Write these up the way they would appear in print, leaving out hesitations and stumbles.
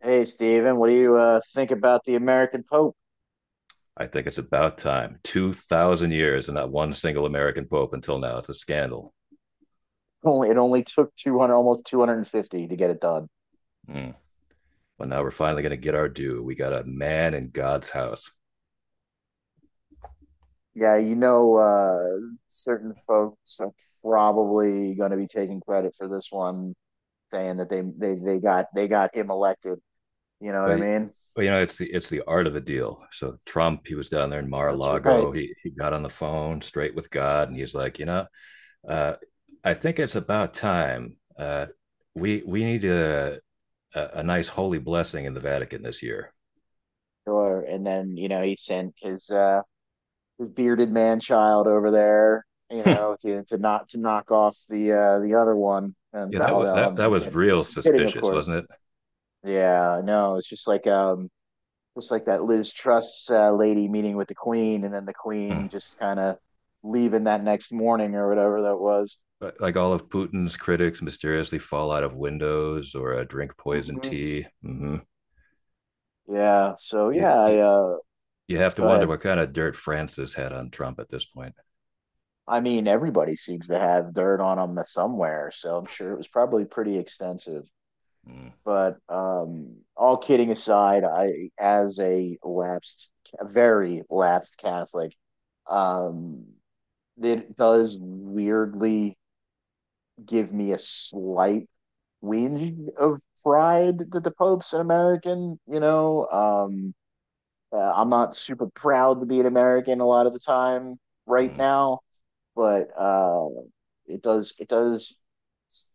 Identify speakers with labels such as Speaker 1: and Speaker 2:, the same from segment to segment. Speaker 1: Hey, Steven, what do you think about the American Pope?
Speaker 2: I think it's about time. 2,000 years and not one single American pope until now. It's a scandal.
Speaker 1: Only it only took 200, almost 250 to get it done.
Speaker 2: Mm. But now we're finally going to get our due. We got a man in God's house.
Speaker 1: Yeah, certain folks are probably going to be taking credit for this one, saying that they got him elected. You know what I
Speaker 2: But,
Speaker 1: mean?
Speaker 2: but you know, it's the art of the deal. So Trump, he was down there in
Speaker 1: That's right.
Speaker 2: Mar-a-Lago. He got on the phone straight with God, and he's like, you know, uh, I think it's about time. We need a nice holy blessing in the Vatican this year.
Speaker 1: Sure. And then, you know, he sent his bearded man child over there, you
Speaker 2: Yeah,
Speaker 1: know, to not to knock off the other one. And
Speaker 2: that
Speaker 1: no,
Speaker 2: was
Speaker 1: no,
Speaker 2: that
Speaker 1: I'm,
Speaker 2: that
Speaker 1: I'm
Speaker 2: was
Speaker 1: kidding.
Speaker 2: real
Speaker 1: I'm kidding, of
Speaker 2: suspicious, wasn't
Speaker 1: course.
Speaker 2: it?
Speaker 1: Yeah, no, it's just like that Liz Truss lady meeting with the Queen and then the
Speaker 2: Mm.
Speaker 1: Queen just kind of leaving that next morning or whatever that was.
Speaker 2: Like all of Putin's critics mysteriously fall out of windows or drink poison
Speaker 1: Hmm.
Speaker 2: tea. Hmm.
Speaker 1: Yeah, so
Speaker 2: You,
Speaker 1: yeah,
Speaker 2: you you have to
Speaker 1: go
Speaker 2: wonder
Speaker 1: ahead.
Speaker 2: what kind of dirt Francis had on Trump at this point.
Speaker 1: I mean, everybody seems to have dirt on them somewhere, so I'm sure it was probably pretty extensive.
Speaker 2: Mm-hmm.
Speaker 1: But all kidding aside, I as a lapsed a very lapsed Catholic, um it does weirdly give me a slight whinge of pride that the Pope's an American. I'm not super proud to be an American a lot of the time right now, but it does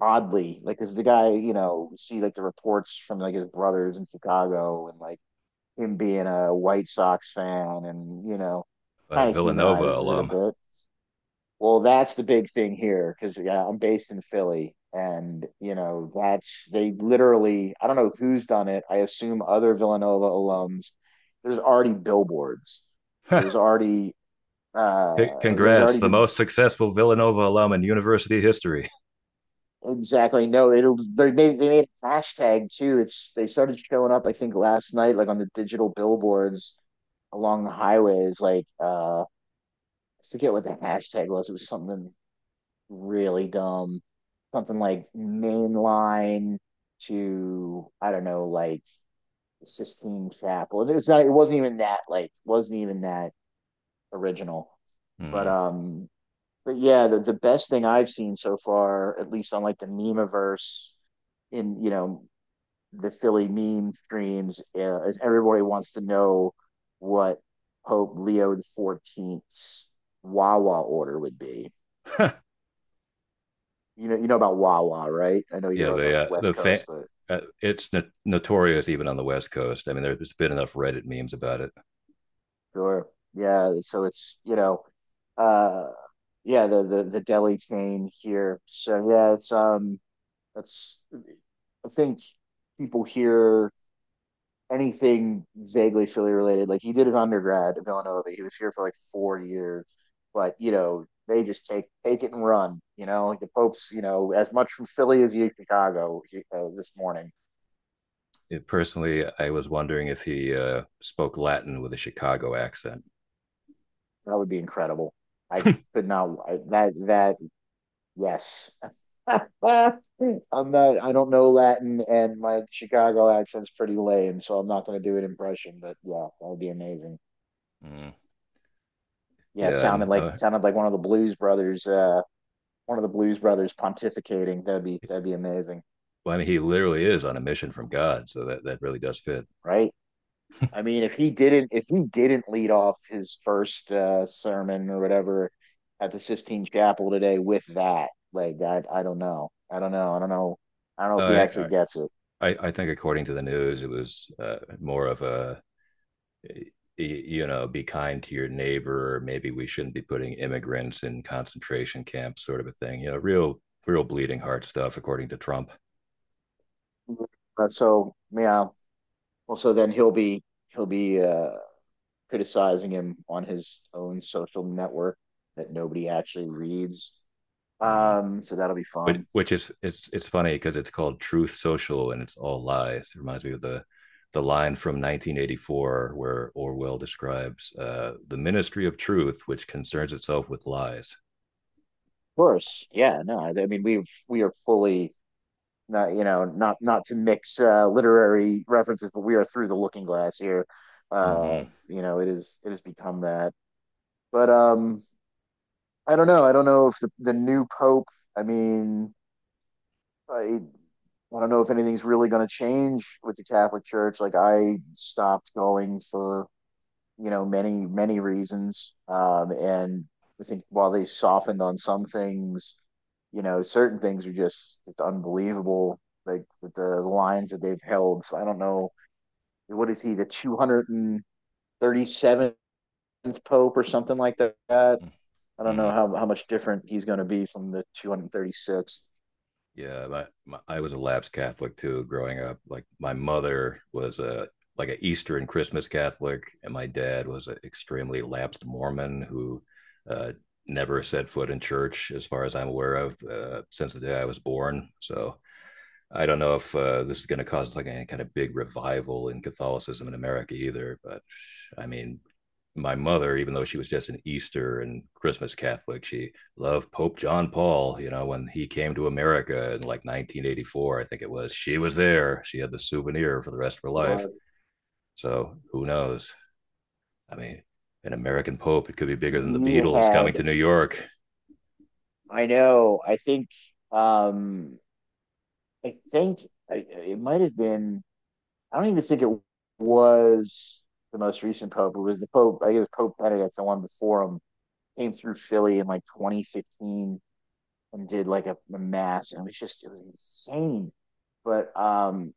Speaker 1: oddly like because the guy, you know, we see like the reports from like his brothers in Chicago and, like, him being a White Sox fan, and you know
Speaker 2: But a
Speaker 1: kind of
Speaker 2: Villanova
Speaker 1: humanizes it a
Speaker 2: alum.
Speaker 1: bit. Well, that's the big thing here because, yeah, I'm based in Philly, and you know that's they literally. I don't know who's done it. I assume other Villanova alums. There's already billboards.
Speaker 2: C-
Speaker 1: There's already there's
Speaker 2: Congrats,
Speaker 1: already
Speaker 2: the
Speaker 1: been
Speaker 2: most successful Villanova alum in university history.
Speaker 1: exactly no. It'll they made a hashtag too. It's they started showing up. I think last night, like on the digital billboards along the highways. Like I forget what the hashtag was. It was something really dumb. Something like mainline to, I don't know, like Sistine Chapel. It was not. It wasn't even that. Like, wasn't even that original. But
Speaker 2: Mm.
Speaker 1: um, but yeah, the best thing I've seen so far, at least on like the memeverse in, you know, the Philly meme streams, is everybody wants to know what Pope Leo the 14th's Wawa order would be. You know about Wawa, right? I know
Speaker 2: Yeah,
Speaker 1: you're on the West Coast, but
Speaker 2: it's notorious even on the West Coast. I mean, there's been enough Reddit memes about it.
Speaker 1: sure. Yeah, so it's, uh yeah, the deli chain here. So yeah, it's that's I think people hear anything vaguely Philly related. Like he did an undergrad at Villanova. He was here for like 4 years, but you know, they just take it and run, you know, like the Pope's, you know, as much from Philly as you Chicago this morning.
Speaker 2: It personally, I was wondering if he spoke Latin with a Chicago accent.
Speaker 1: That would be incredible. I could not I, that that Yes. I don't know Latin and my Chicago accent's pretty lame, so I'm not going to do an impression, but yeah, that would be amazing.
Speaker 2: Mm.
Speaker 1: Yeah,
Speaker 2: Yeah,
Speaker 1: sounded
Speaker 2: I'm,
Speaker 1: like
Speaker 2: I
Speaker 1: sounded like one of the Blues Brothers, one of the Blues Brothers pontificating. That'd be amazing,
Speaker 2: well, I mean, he literally is on a mission from God, so that really does fit.
Speaker 1: right? I mean, if he didn't lead off his first sermon or whatever at the Sistine Chapel today with that, like I don't know, I don't know, I don't know, I don't know if he actually
Speaker 2: Uh,
Speaker 1: gets it.
Speaker 2: I think according to the news, it was more of a, you know, be kind to your neighbor, or maybe we shouldn't be putting immigrants in concentration camps, sort of a thing. You know, real, real bleeding heart stuff, according to Trump.
Speaker 1: Uh, so yeah, Well, so then he'll be he'll be criticizing him on his own social network that nobody actually reads.
Speaker 2: Mm-hmm.
Speaker 1: So that'll be
Speaker 2: which
Speaker 1: fun. Of
Speaker 2: which is, it's funny because it's called Truth Social and it's all lies. It reminds me of the line from 1984 where Orwell describes the Ministry of Truth, which concerns itself with lies.
Speaker 1: course, yeah. No, I mean we are fully not, you know, not to mix literary references, but we are through the looking glass here. Uh,
Speaker 2: Mm-hmm.
Speaker 1: you know, it has become that. But I don't know. I don't know if the the new pope. I mean, I I don't know if anything's really going to change with the Catholic Church. Like I stopped going for, you know, many reasons, and I think while they softened on some things, you know certain things are just unbelievable. Like with the lines that they've held. So I don't know, what is he, the two hundred and thirty seventh pope or something like that. I don't
Speaker 2: Mm-hmm.
Speaker 1: know how much different he's going to be from the 236th.
Speaker 2: Yeah, I was a lapsed Catholic too growing up. Like my mother was a like an Easter and Christmas Catholic, and my dad was an extremely lapsed Mormon who uh, never set foot in church, as far as I'm aware of, since the day I was born. So I don't know if this is going to cause like any kind of big revival in Catholicism in America either. But I mean, my mother, even though she was just an Easter and Christmas Catholic, she loved Pope John Paul. You know, when he came to America in like 1984, I think it was, she was there. She had the souvenir for the rest of her life. So who knows? I mean, an American Pope, it could be bigger than the
Speaker 1: You
Speaker 2: Beatles
Speaker 1: had
Speaker 2: coming to New York.
Speaker 1: I know. Um I think it might have been I don't even think it was the most recent Pope. It was the Pope, I guess Pope Benedict, the one before him, came through Philly in like 2015 and did like a mass and it was just it was insane. But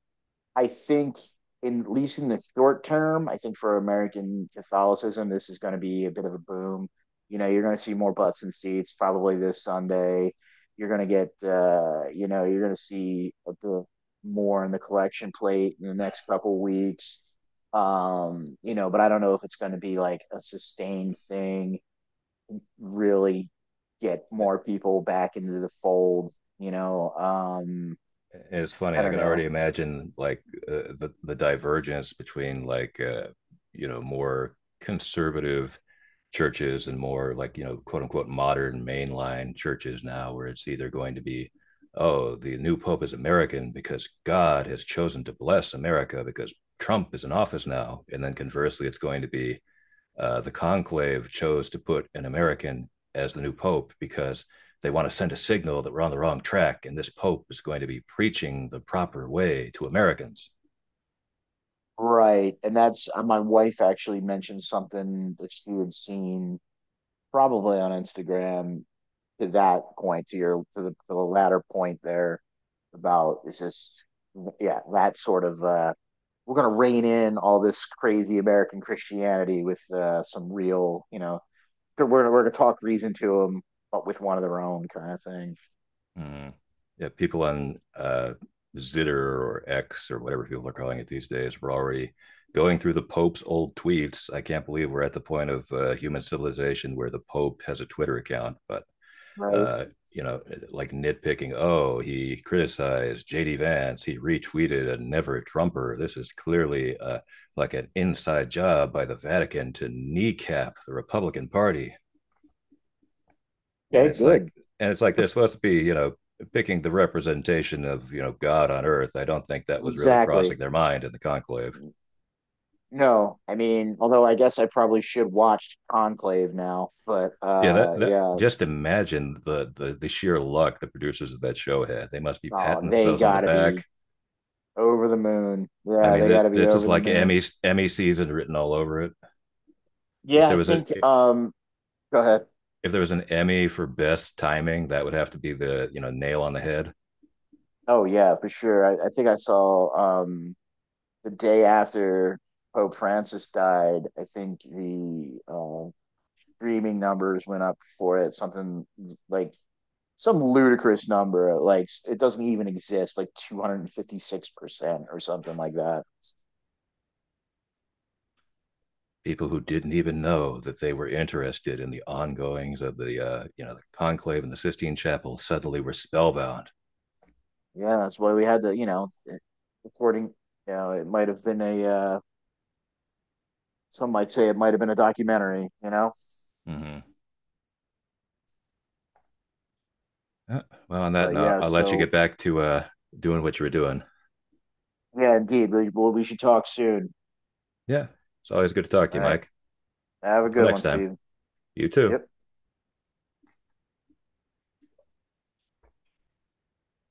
Speaker 1: I think, in at least in the short term, I think for American Catholicism, this is going to be a bit of a boom. You know, you're going to see more butts and seats probably this Sunday. You're going to get, you know, you're going to see a bit more in the collection plate in the next couple weeks. You know, but I don't know if it's going to be like a sustained thing, really get more people back into the fold, you know.
Speaker 2: And it's funny,
Speaker 1: I
Speaker 2: I
Speaker 1: don't
Speaker 2: could already
Speaker 1: know.
Speaker 2: imagine like the divergence between like, you know, more conservative churches and more like, you know, quote unquote modern mainline churches now, where it's either going to be, oh, the new pope is American because God has chosen to bless America because Trump is in office now, and then conversely, it's going to be the conclave chose to put an American as the new pope because they want to send a signal that we're on the wrong track and this pope is going to be preaching the proper way to Americans.
Speaker 1: Right. And that's my wife actually mentioned something that she had seen probably on Instagram to that point, to your to the latter point there about it's just yeah, that sort of we're gonna rein in all this crazy American Christianity with some real, you know, we're gonna talk reason to them, but with one of their own kind of thing.
Speaker 2: Mm. Yeah, people on Zitter or X or whatever people are calling it these days were already going through the Pope's old tweets. I can't believe we're at the point of human civilization where the Pope has a Twitter account, but
Speaker 1: Right.
Speaker 2: uh, you know, like nitpicking, oh, he criticized JD Vance, he retweeted a never Trumper. This is clearly like an inside job by the Vatican to kneecap the Republican Party. And
Speaker 1: Okay,
Speaker 2: it's like,
Speaker 1: good.
Speaker 2: and it's like they're supposed to be, you know, picking the representation of, you know, God on earth. I don't think that was really crossing
Speaker 1: Exactly.
Speaker 2: their mind in the conclave.
Speaker 1: No, I mean, although I guess I probably should watch Conclave now, but
Speaker 2: Yeah, that
Speaker 1: yeah,
Speaker 2: just imagine the sheer luck the producers of that show had. They must be patting
Speaker 1: oh, they
Speaker 2: themselves on the
Speaker 1: gotta be
Speaker 2: back.
Speaker 1: over the moon.
Speaker 2: I
Speaker 1: Yeah,
Speaker 2: mean,
Speaker 1: they gotta be
Speaker 2: this is
Speaker 1: over the
Speaker 2: like
Speaker 1: moon.
Speaker 2: Emmy season written all over it. If
Speaker 1: Yeah,
Speaker 2: there
Speaker 1: I
Speaker 2: was a
Speaker 1: think go ahead.
Speaker 2: if there was an Emmy for best timing, that would have to be the, you know, nail on the head.
Speaker 1: Oh yeah, for sure. I think I saw the day after Pope Francis died, I think the streaming numbers went up for it, something like some ludicrous number, like it doesn't even exist, like 256% or something like that.
Speaker 2: People who didn't even know that they were interested in the ongoings of the you know, the conclave in the Sistine Chapel suddenly were spellbound.
Speaker 1: Yeah, that's why we had the, you know, according, you know, it might have been a, some might say it might have been a documentary, you know?
Speaker 2: Mm-hmm. Yeah. Well, on that
Speaker 1: But
Speaker 2: note,
Speaker 1: yeah,
Speaker 2: I'll let you
Speaker 1: so
Speaker 2: get back to doing what you were doing.
Speaker 1: yeah, indeed. Well, we should talk soon.
Speaker 2: Yeah. It's always good to talk to
Speaker 1: All
Speaker 2: you,
Speaker 1: right.
Speaker 2: Mike.
Speaker 1: Have a
Speaker 2: Until
Speaker 1: good
Speaker 2: next
Speaker 1: one,
Speaker 2: time,
Speaker 1: Steve.
Speaker 2: you too.
Speaker 1: Yep.